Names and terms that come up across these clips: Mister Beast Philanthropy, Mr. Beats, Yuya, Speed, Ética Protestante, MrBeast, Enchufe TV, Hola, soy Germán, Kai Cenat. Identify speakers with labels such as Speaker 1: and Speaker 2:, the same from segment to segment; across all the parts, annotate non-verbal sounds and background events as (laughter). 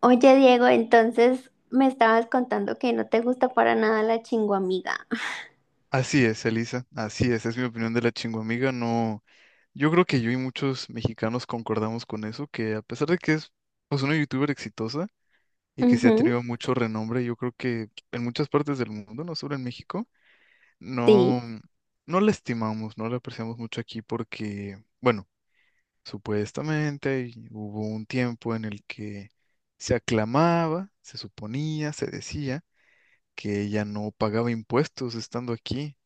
Speaker 1: Oye, Diego, entonces me estabas contando que no te gusta para nada la chinguamiga.
Speaker 2: Así es, Elisa, así es mi opinión de la chingüamiga, no, yo creo que yo y muchos mexicanos concordamos con eso, que a pesar de que es pues una youtuber exitosa y que se ha
Speaker 1: Ujú,
Speaker 2: tenido mucho renombre, yo creo que en muchas partes del mundo, no solo en México,
Speaker 1: sí.
Speaker 2: no, no la estimamos, no la apreciamos mucho aquí porque, bueno, supuestamente y hubo un tiempo en el que se aclamaba, se suponía, se decía que ella no pagaba impuestos estando aquí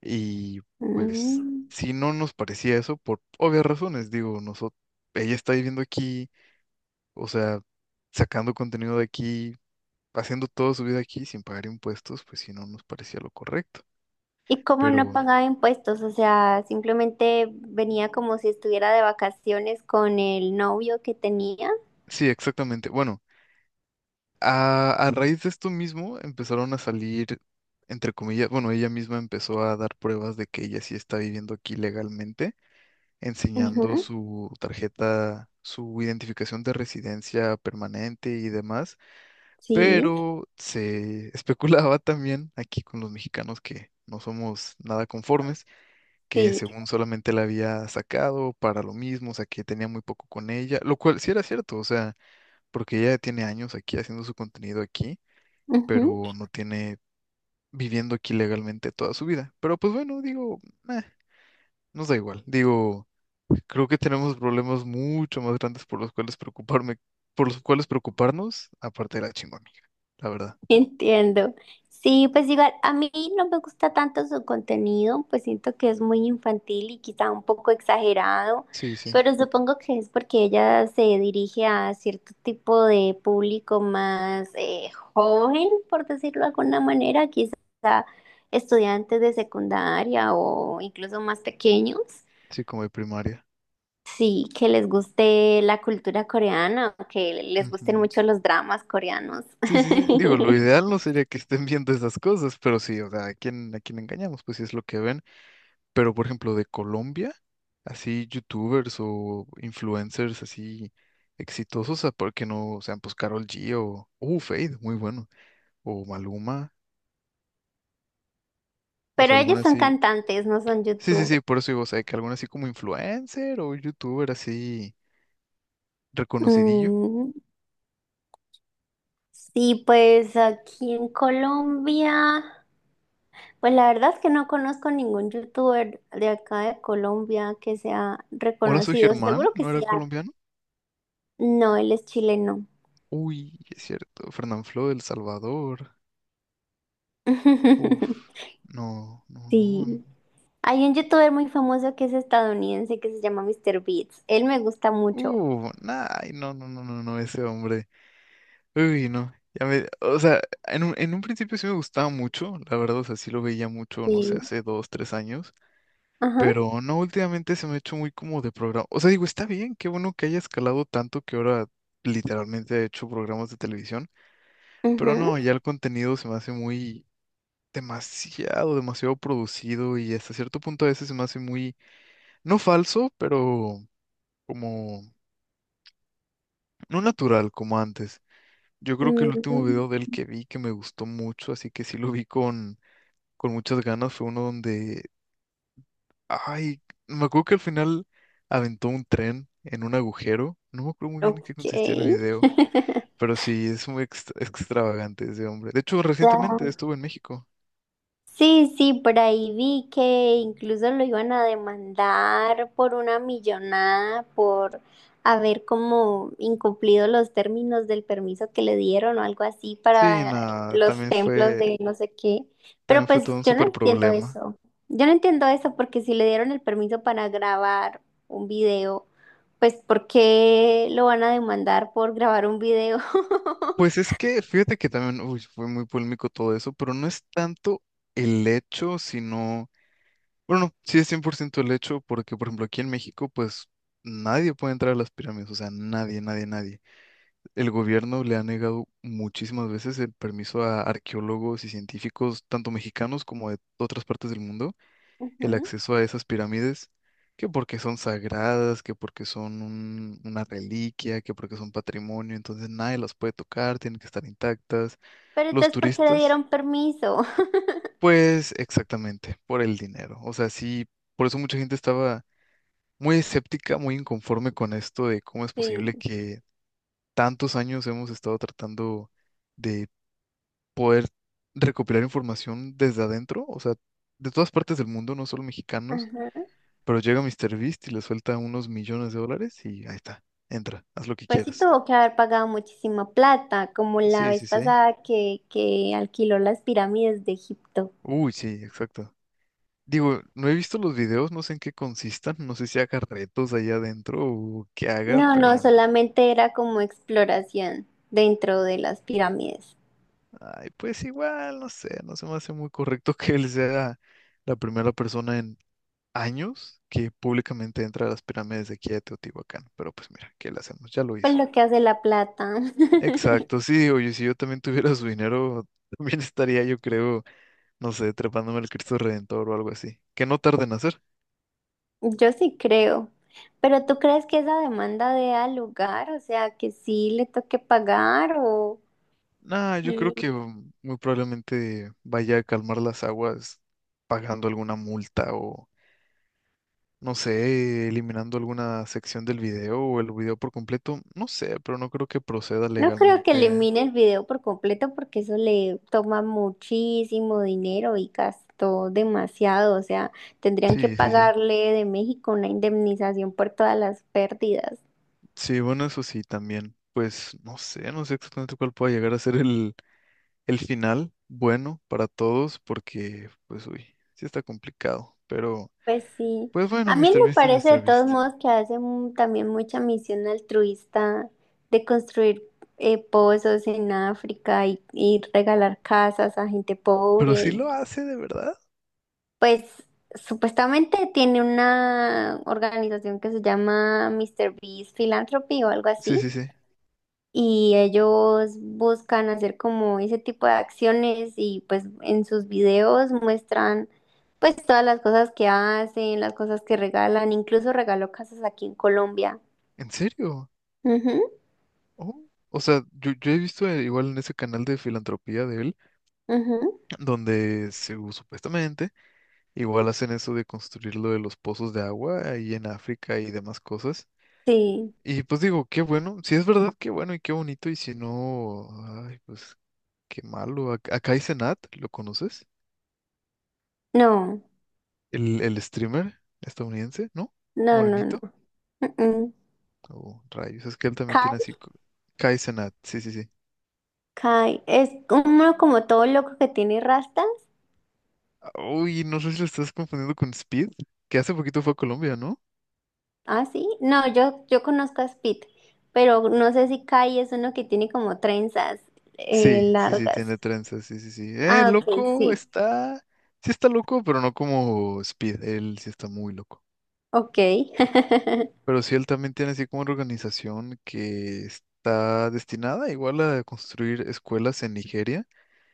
Speaker 2: y pues
Speaker 1: Mm.
Speaker 2: si no nos parecía eso, por obvias razones, digo, nosotros, ella está viviendo aquí, o sea, sacando contenido de aquí, haciendo toda su vida aquí sin pagar impuestos, pues si no nos parecía lo correcto.
Speaker 1: Y como no
Speaker 2: Pero
Speaker 1: pagaba impuestos, o sea, simplemente venía como si estuviera de vacaciones con el novio que tenía.
Speaker 2: sí, exactamente. Bueno, a raíz de esto mismo empezaron a salir, entre comillas, bueno, ella misma empezó a dar pruebas de que ella sí está viviendo aquí legalmente, enseñando
Speaker 1: Ujú,
Speaker 2: su tarjeta, su identificación de residencia permanente y demás,
Speaker 1: sí,
Speaker 2: pero se especulaba también aquí con los mexicanos que no somos nada conformes, que
Speaker 1: sí.
Speaker 2: según solamente la había sacado para lo mismo, o sea, que tenía muy poco con ella, lo cual sí era cierto, o sea, porque ella tiene años aquí haciendo su contenido aquí, pero no tiene viviendo aquí legalmente toda su vida. Pero pues bueno, digo, eh, nos da igual, digo, creo que tenemos problemas mucho más grandes por los cuales preocuparme, por los cuales preocuparnos, aparte de la chingona, la verdad.
Speaker 1: Entiendo. Sí, pues igual a mí no me gusta tanto su contenido, pues siento que es muy infantil y quizá un poco exagerado,
Speaker 2: Sí, sí.
Speaker 1: pero supongo que es porque ella se dirige a cierto tipo de público más joven, por decirlo de alguna manera, quizá estudiantes de secundaria o incluso más pequeños.
Speaker 2: Sí, como de primaria.
Speaker 1: Sí, que les guste la cultura coreana, o que les gusten
Speaker 2: Ujú.
Speaker 1: mucho los dramas coreanos.
Speaker 2: Sí, sí, sí. Digo, lo
Speaker 1: (laughs)
Speaker 2: ideal no sería que estén (laughs) viendo esas cosas, pero sí, o sea, ¿a quién engañamos? Pues sí es lo que ven. Pero, por ejemplo, de Colombia, así youtubers o influencers así exitosos, ¿a por qué no sean pues Karol G o Fade, muy bueno, o Maluma, o
Speaker 1: Pero
Speaker 2: sea,
Speaker 1: ellos
Speaker 2: alguna
Speaker 1: son
Speaker 2: así.
Speaker 1: cantantes, no son
Speaker 2: Sí, sí, sí,
Speaker 1: youtubers.
Speaker 2: por eso digo, o sea, que alguna así como influencer o youtuber así reconocidillo.
Speaker 1: Mm, sí, pues aquí en Colombia, pues la verdad es que no conozco ningún youtuber de acá de Colombia que sea
Speaker 2: Hola, soy
Speaker 1: reconocido.
Speaker 2: Germán,
Speaker 1: Seguro que
Speaker 2: ¿no
Speaker 1: sí
Speaker 2: era
Speaker 1: hay.
Speaker 2: colombiano?
Speaker 1: No, él es chileno.
Speaker 2: Uy, es cierto, Fernanfloo del Salvador. Uf,
Speaker 1: (laughs)
Speaker 2: no, no, no.
Speaker 1: Sí. Hay un youtuber muy famoso que es estadounidense que se llama Mr. Beats. Él me gusta mucho.
Speaker 2: Nah, ay, no, no, no, no, no, ese hombre. Uy, no. Ya me, o sea, en un principio sí me gustaba mucho, la verdad, o sea, sí lo veía mucho, no sé,
Speaker 1: Sí.
Speaker 2: hace 2, 3 años,
Speaker 1: Ajá.
Speaker 2: pero no, últimamente se me ha hecho muy como de programa. O sea, digo, está bien, qué bueno que haya escalado tanto que ahora literalmente ha hecho programas de televisión, pero
Speaker 1: Ujú.
Speaker 2: no, ya el contenido se me hace muy demasiado, demasiado producido y hasta cierto punto a veces se me hace muy, no falso, pero como no natural como antes. Yo creo que el último
Speaker 1: Mm,
Speaker 2: video del que vi que me gustó mucho, así que sí lo vi con muchas ganas, fue uno donde, ay, me acuerdo que al final aventó un tren en un agujero. No me acuerdo muy bien en qué
Speaker 1: ok.
Speaker 2: consistía el video,
Speaker 1: (laughs)
Speaker 2: pero sí, es muy extravagante ese hombre. De hecho, recientemente
Speaker 1: Ya.
Speaker 2: estuvo en México.
Speaker 1: Sí, sí, por ahí vi que incluso lo iban a demandar por una millonada por haber como incumplido los términos del permiso que le dieron o algo así
Speaker 2: Sí,
Speaker 1: para
Speaker 2: nada,
Speaker 1: los templos de no sé qué. Pero
Speaker 2: también fue
Speaker 1: pues
Speaker 2: todo un
Speaker 1: yo no
Speaker 2: súper
Speaker 1: entiendo
Speaker 2: problema.
Speaker 1: eso. Yo no entiendo eso porque si le dieron el permiso para grabar un video, pues ¿por qué lo van a demandar por grabar un video?
Speaker 2: Pues
Speaker 1: (laughs)
Speaker 2: es que, fíjate que también, uy, fue muy polémico todo eso, pero no es tanto el hecho, sino bueno, no, sí es 100% el hecho porque, por ejemplo, aquí en México, pues nadie puede entrar a las pirámides, o sea, nadie, nadie, nadie. El gobierno le ha negado muchísimas veces el permiso a arqueólogos y científicos, tanto mexicanos como de otras partes del mundo, el
Speaker 1: Ujú.
Speaker 2: acceso a esas pirámides, que porque son sagradas, que porque son una reliquia, que porque son patrimonio, entonces nadie las puede tocar, tienen que estar intactas.
Speaker 1: Pero
Speaker 2: Los
Speaker 1: entonces, ¿por qué le
Speaker 2: turistas,
Speaker 1: dieron permiso? (laughs)
Speaker 2: pues exactamente, por el dinero. O sea, sí, por eso mucha gente estaba muy escéptica, muy inconforme con esto de cómo es posible
Speaker 1: Sí.
Speaker 2: que tantos años hemos estado tratando de poder recopilar información desde adentro, o sea, de todas partes del mundo, no solo mexicanos,
Speaker 1: Ajá.
Speaker 2: pero llega Mister MrBeast y le suelta unos millones de dólares y ahí está, entra, haz lo que
Speaker 1: Pues sí
Speaker 2: quieras.
Speaker 1: tuvo que haber pagado muchísima plata, como la
Speaker 2: Sí,
Speaker 1: vez
Speaker 2: sí, sí.
Speaker 1: pasada que alquiló las pirámides de Egipto.
Speaker 2: Uy, sí, exacto. Digo, no he visto los videos, no sé en qué consistan, no sé si haga retos allá adentro o qué haga,
Speaker 1: No, no,
Speaker 2: pero
Speaker 1: solamente era como exploración dentro de las pirámides.
Speaker 2: ay, pues igual, no sé, no se me hace muy correcto que él sea la primera persona en años que públicamente entra a las pirámides de aquí de Teotihuacán. Pero pues mira, ¿qué le hacemos? Ya lo
Speaker 1: Pues
Speaker 2: hizo.
Speaker 1: lo que hace la plata. (laughs)
Speaker 2: Exacto, sí, oye, si yo también tuviera su dinero, (laughs) también estaría, yo creo, no sé, trepándome al Cristo Redentor o algo así. Que no tarde en hacer.
Speaker 1: Yo sí creo. Pero ¿tú crees que esa demanda dé al lugar? O sea, que sí le toque pagar o...
Speaker 2: Nah, yo creo
Speaker 1: Mm.
Speaker 2: que muy probablemente vaya a calmar las aguas pagando alguna multa o no sé, eliminando alguna sección del video o el video por completo, no sé, pero no creo que proceda
Speaker 1: No creo que
Speaker 2: legalmente.
Speaker 1: elimine el video por completo porque eso le toma muchísimo dinero y gastó demasiado. O sea, tendrían que
Speaker 2: Sí, sí, sí.
Speaker 1: pagarle de México una indemnización por todas las pérdidas.
Speaker 2: Sí, bueno, eso sí, también. Pues no sé, no sé exactamente cuál pueda llegar a ser el final bueno para todos, porque, pues, uy, sí está complicado. Pero,
Speaker 1: Pues sí.
Speaker 2: pues bueno,
Speaker 1: A mí
Speaker 2: Mr.
Speaker 1: me
Speaker 2: Beast es
Speaker 1: parece
Speaker 2: Mr.
Speaker 1: de todos
Speaker 2: Beast.
Speaker 1: modos que hace mu- también mucha misión altruista de construir pozos en África y regalar casas a gente pobre
Speaker 2: Pero sí
Speaker 1: y
Speaker 2: lo hace, de verdad.
Speaker 1: pues supuestamente tiene una organización que se llama Mister Beast Philanthropy o algo
Speaker 2: Sí,
Speaker 1: así.
Speaker 2: sí, sí.
Speaker 1: Y ellos buscan hacer como ese tipo de acciones y pues en sus videos muestran pues todas las cosas que hacen, las cosas que regalan, incluso regaló casas aquí en Colombia.
Speaker 2: ¿En serio?
Speaker 1: Ujú,
Speaker 2: Oh, o sea, yo he visto igual en ese canal de filantropía de él,
Speaker 1: ujú.
Speaker 2: donde se, supuestamente igual hacen eso de construir lo de los pozos de agua ahí en África y demás cosas.
Speaker 1: Sí,
Speaker 2: Y pues digo, qué bueno, si es verdad, qué bueno y qué bonito, y si no, ay, pues qué malo. Acá hay Senat, ¿lo conoces?
Speaker 1: no,
Speaker 2: El streamer estadounidense, ¿no?
Speaker 1: no, no,
Speaker 2: Morenito.
Speaker 1: no. Mm, mm.
Speaker 2: Oh, rayos, es que él también
Speaker 1: Kai,
Speaker 2: tiene así. Kai Cenat, sí, sí, sí.
Speaker 1: Kai es uno como todo loco que tiene rasta.
Speaker 2: Ah, uy, no sé si lo estás confundiendo con Speed, que hace poquito fue a Colombia, ¿no?
Speaker 1: Ah, sí. No, yo conozco a Speed, pero no sé si Kai es uno que tiene como trenzas sí,
Speaker 2: Sí, sí, sí,
Speaker 1: largas.
Speaker 2: tiene trenzas, sí, sí, sí.
Speaker 1: Ah, ok,
Speaker 2: Loco,
Speaker 1: sí.
Speaker 2: está, sí está loco, pero no como Speed, él sí está muy loco.
Speaker 1: Ok. (laughs)
Speaker 2: Pero sí, él también tiene así como una organización que está destinada igual a construir escuelas en Nigeria,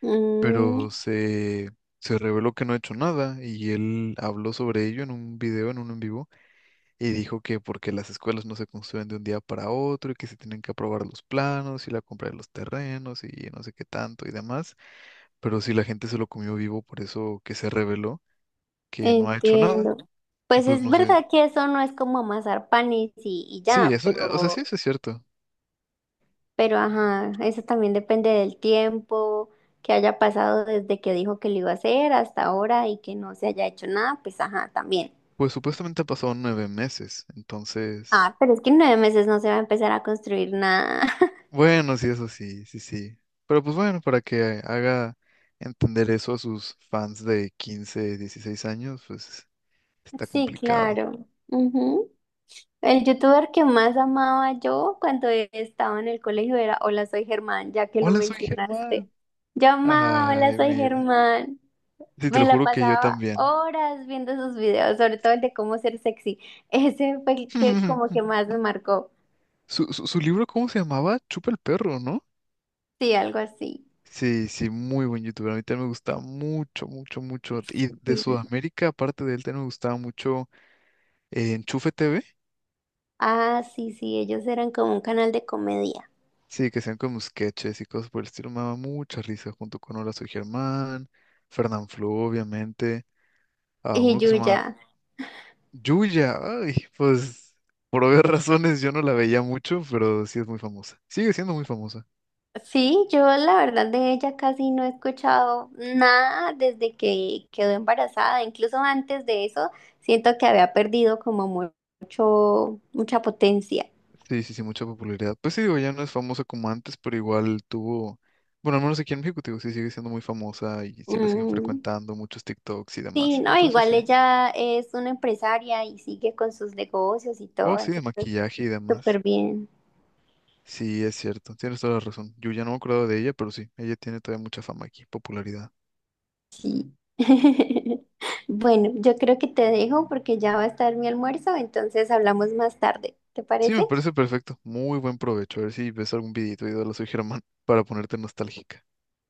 Speaker 1: Mm,
Speaker 2: pero se reveló que no ha hecho nada y él habló sobre ello en un video, en un en vivo, y dijo que porque las escuelas no se construyen de un día para otro y que se tienen que aprobar los planos y la compra de los terrenos y no sé qué tanto y demás, pero si la gente se lo comió vivo, por eso que se reveló que no ha hecho nada.
Speaker 1: entiendo.
Speaker 2: Y
Speaker 1: Pues
Speaker 2: pues
Speaker 1: es
Speaker 2: no sé.
Speaker 1: verdad que eso no es como amasar panes y
Speaker 2: Sí,
Speaker 1: ya,
Speaker 2: eso, o sea, sí, eso es cierto.
Speaker 1: pero ajá, eso también depende del tiempo que haya pasado desde que dijo que lo iba a hacer hasta ahora y que no se haya hecho nada, pues ajá, también.
Speaker 2: Pues supuestamente ha pasado 9 meses, entonces,
Speaker 1: Ah, pero es que en 9 meses no se va a empezar a construir nada.
Speaker 2: bueno, sí, eso sí, sí, sí. Pero pues bueno, para que haga entender eso a sus fans de 15, 16 años, pues está
Speaker 1: Sí,
Speaker 2: complicado.
Speaker 1: claro. Ujú. El youtuber que más amaba yo cuando estaba en el colegio era Hola, soy Germán, ya que lo
Speaker 2: Hola, soy Germán.
Speaker 1: mencionaste. Yo amaba Hola,
Speaker 2: Ay,
Speaker 1: soy
Speaker 2: mira.
Speaker 1: Germán.
Speaker 2: Sí, te
Speaker 1: Me
Speaker 2: lo
Speaker 1: la
Speaker 2: juro que yo
Speaker 1: pasaba
Speaker 2: también.
Speaker 1: horas viendo sus videos, sobre todo el de cómo ser sexy. (laughs) Ese fue el que como que
Speaker 2: (laughs)
Speaker 1: más me marcó.
Speaker 2: Su libro, ¿cómo se llamaba? Chupa el perro, ¿no?
Speaker 1: Sí, algo así.
Speaker 2: Sí, sí, muy buen youtuber. A mí también me gustaba mucho, mucho, mucho. Y de
Speaker 1: Sí.
Speaker 2: Sudamérica, aparte de él, también me gustaba mucho Enchufe TV.
Speaker 1: Ah, sí, sí, ellos eran como un canal de comedia.
Speaker 2: Sí, que sean como sketches y cosas por el estilo. Me daba mucha risa junto con Hola, soy Germán, Fernán Flo, obviamente. A
Speaker 1: Y
Speaker 2: uno que se llama
Speaker 1: Yuya.
Speaker 2: Yuya. Ay, pues por obvias (laughs) razones yo no la veía mucho, pero sí es muy famosa. Sigue siendo muy famosa.
Speaker 1: Sí, yo la verdad de ella casi no he escuchado nada desde que quedó embarazada. Incluso antes de eso, siento que había perdido como mu- mucha potencia.
Speaker 2: Sí, sí, sí, mucha popularidad. Pues sí, digo, ya no es famosa como antes, pero igual tuvo, bueno, al menos aquí en México, te digo, sí sigue siendo muy famosa y sí la siguen
Speaker 1: Mm,
Speaker 2: frecuentando muchos TikToks y
Speaker 1: sí,
Speaker 2: demás.
Speaker 1: no,
Speaker 2: Entonces
Speaker 1: igual
Speaker 2: sí.
Speaker 1: ella es una empresaria y sigue con sus negocios y
Speaker 2: Oh,
Speaker 1: todo,
Speaker 2: sí, de
Speaker 1: entonces
Speaker 2: maquillaje y demás.
Speaker 1: súper bien.
Speaker 2: Sí, es cierto, tienes toda la razón. Yo ya no me acuerdo de ella, pero sí, ella tiene todavía mucha fama aquí, popularidad.
Speaker 1: Sí. (laughs) Bueno, yo creo que te dejo porque ya va a estar mi almuerzo, entonces hablamos más tarde. ¿Te
Speaker 2: Sí,
Speaker 1: parece?
Speaker 2: me parece perfecto. Muy buen provecho. A ver si ves algún videito de Hola, soy Germán (laughs) para ponerte nostálgica.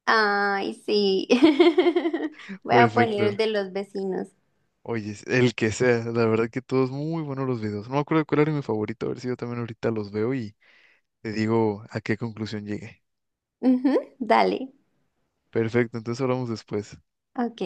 Speaker 1: Ay, sí. (laughs)
Speaker 2: (laughs)
Speaker 1: Voy a poner el
Speaker 2: Perfecto.
Speaker 1: de los vecinos.
Speaker 2: Oye, el que sea, la verdad que todos muy buenos los videos. No me acuerdo cuál era mi favorito, a ver si yo también ahorita los veo y te digo a qué conclusión llegué.
Speaker 1: Ujú, dale.
Speaker 2: Perfecto, entonces hablamos después.
Speaker 1: Ok.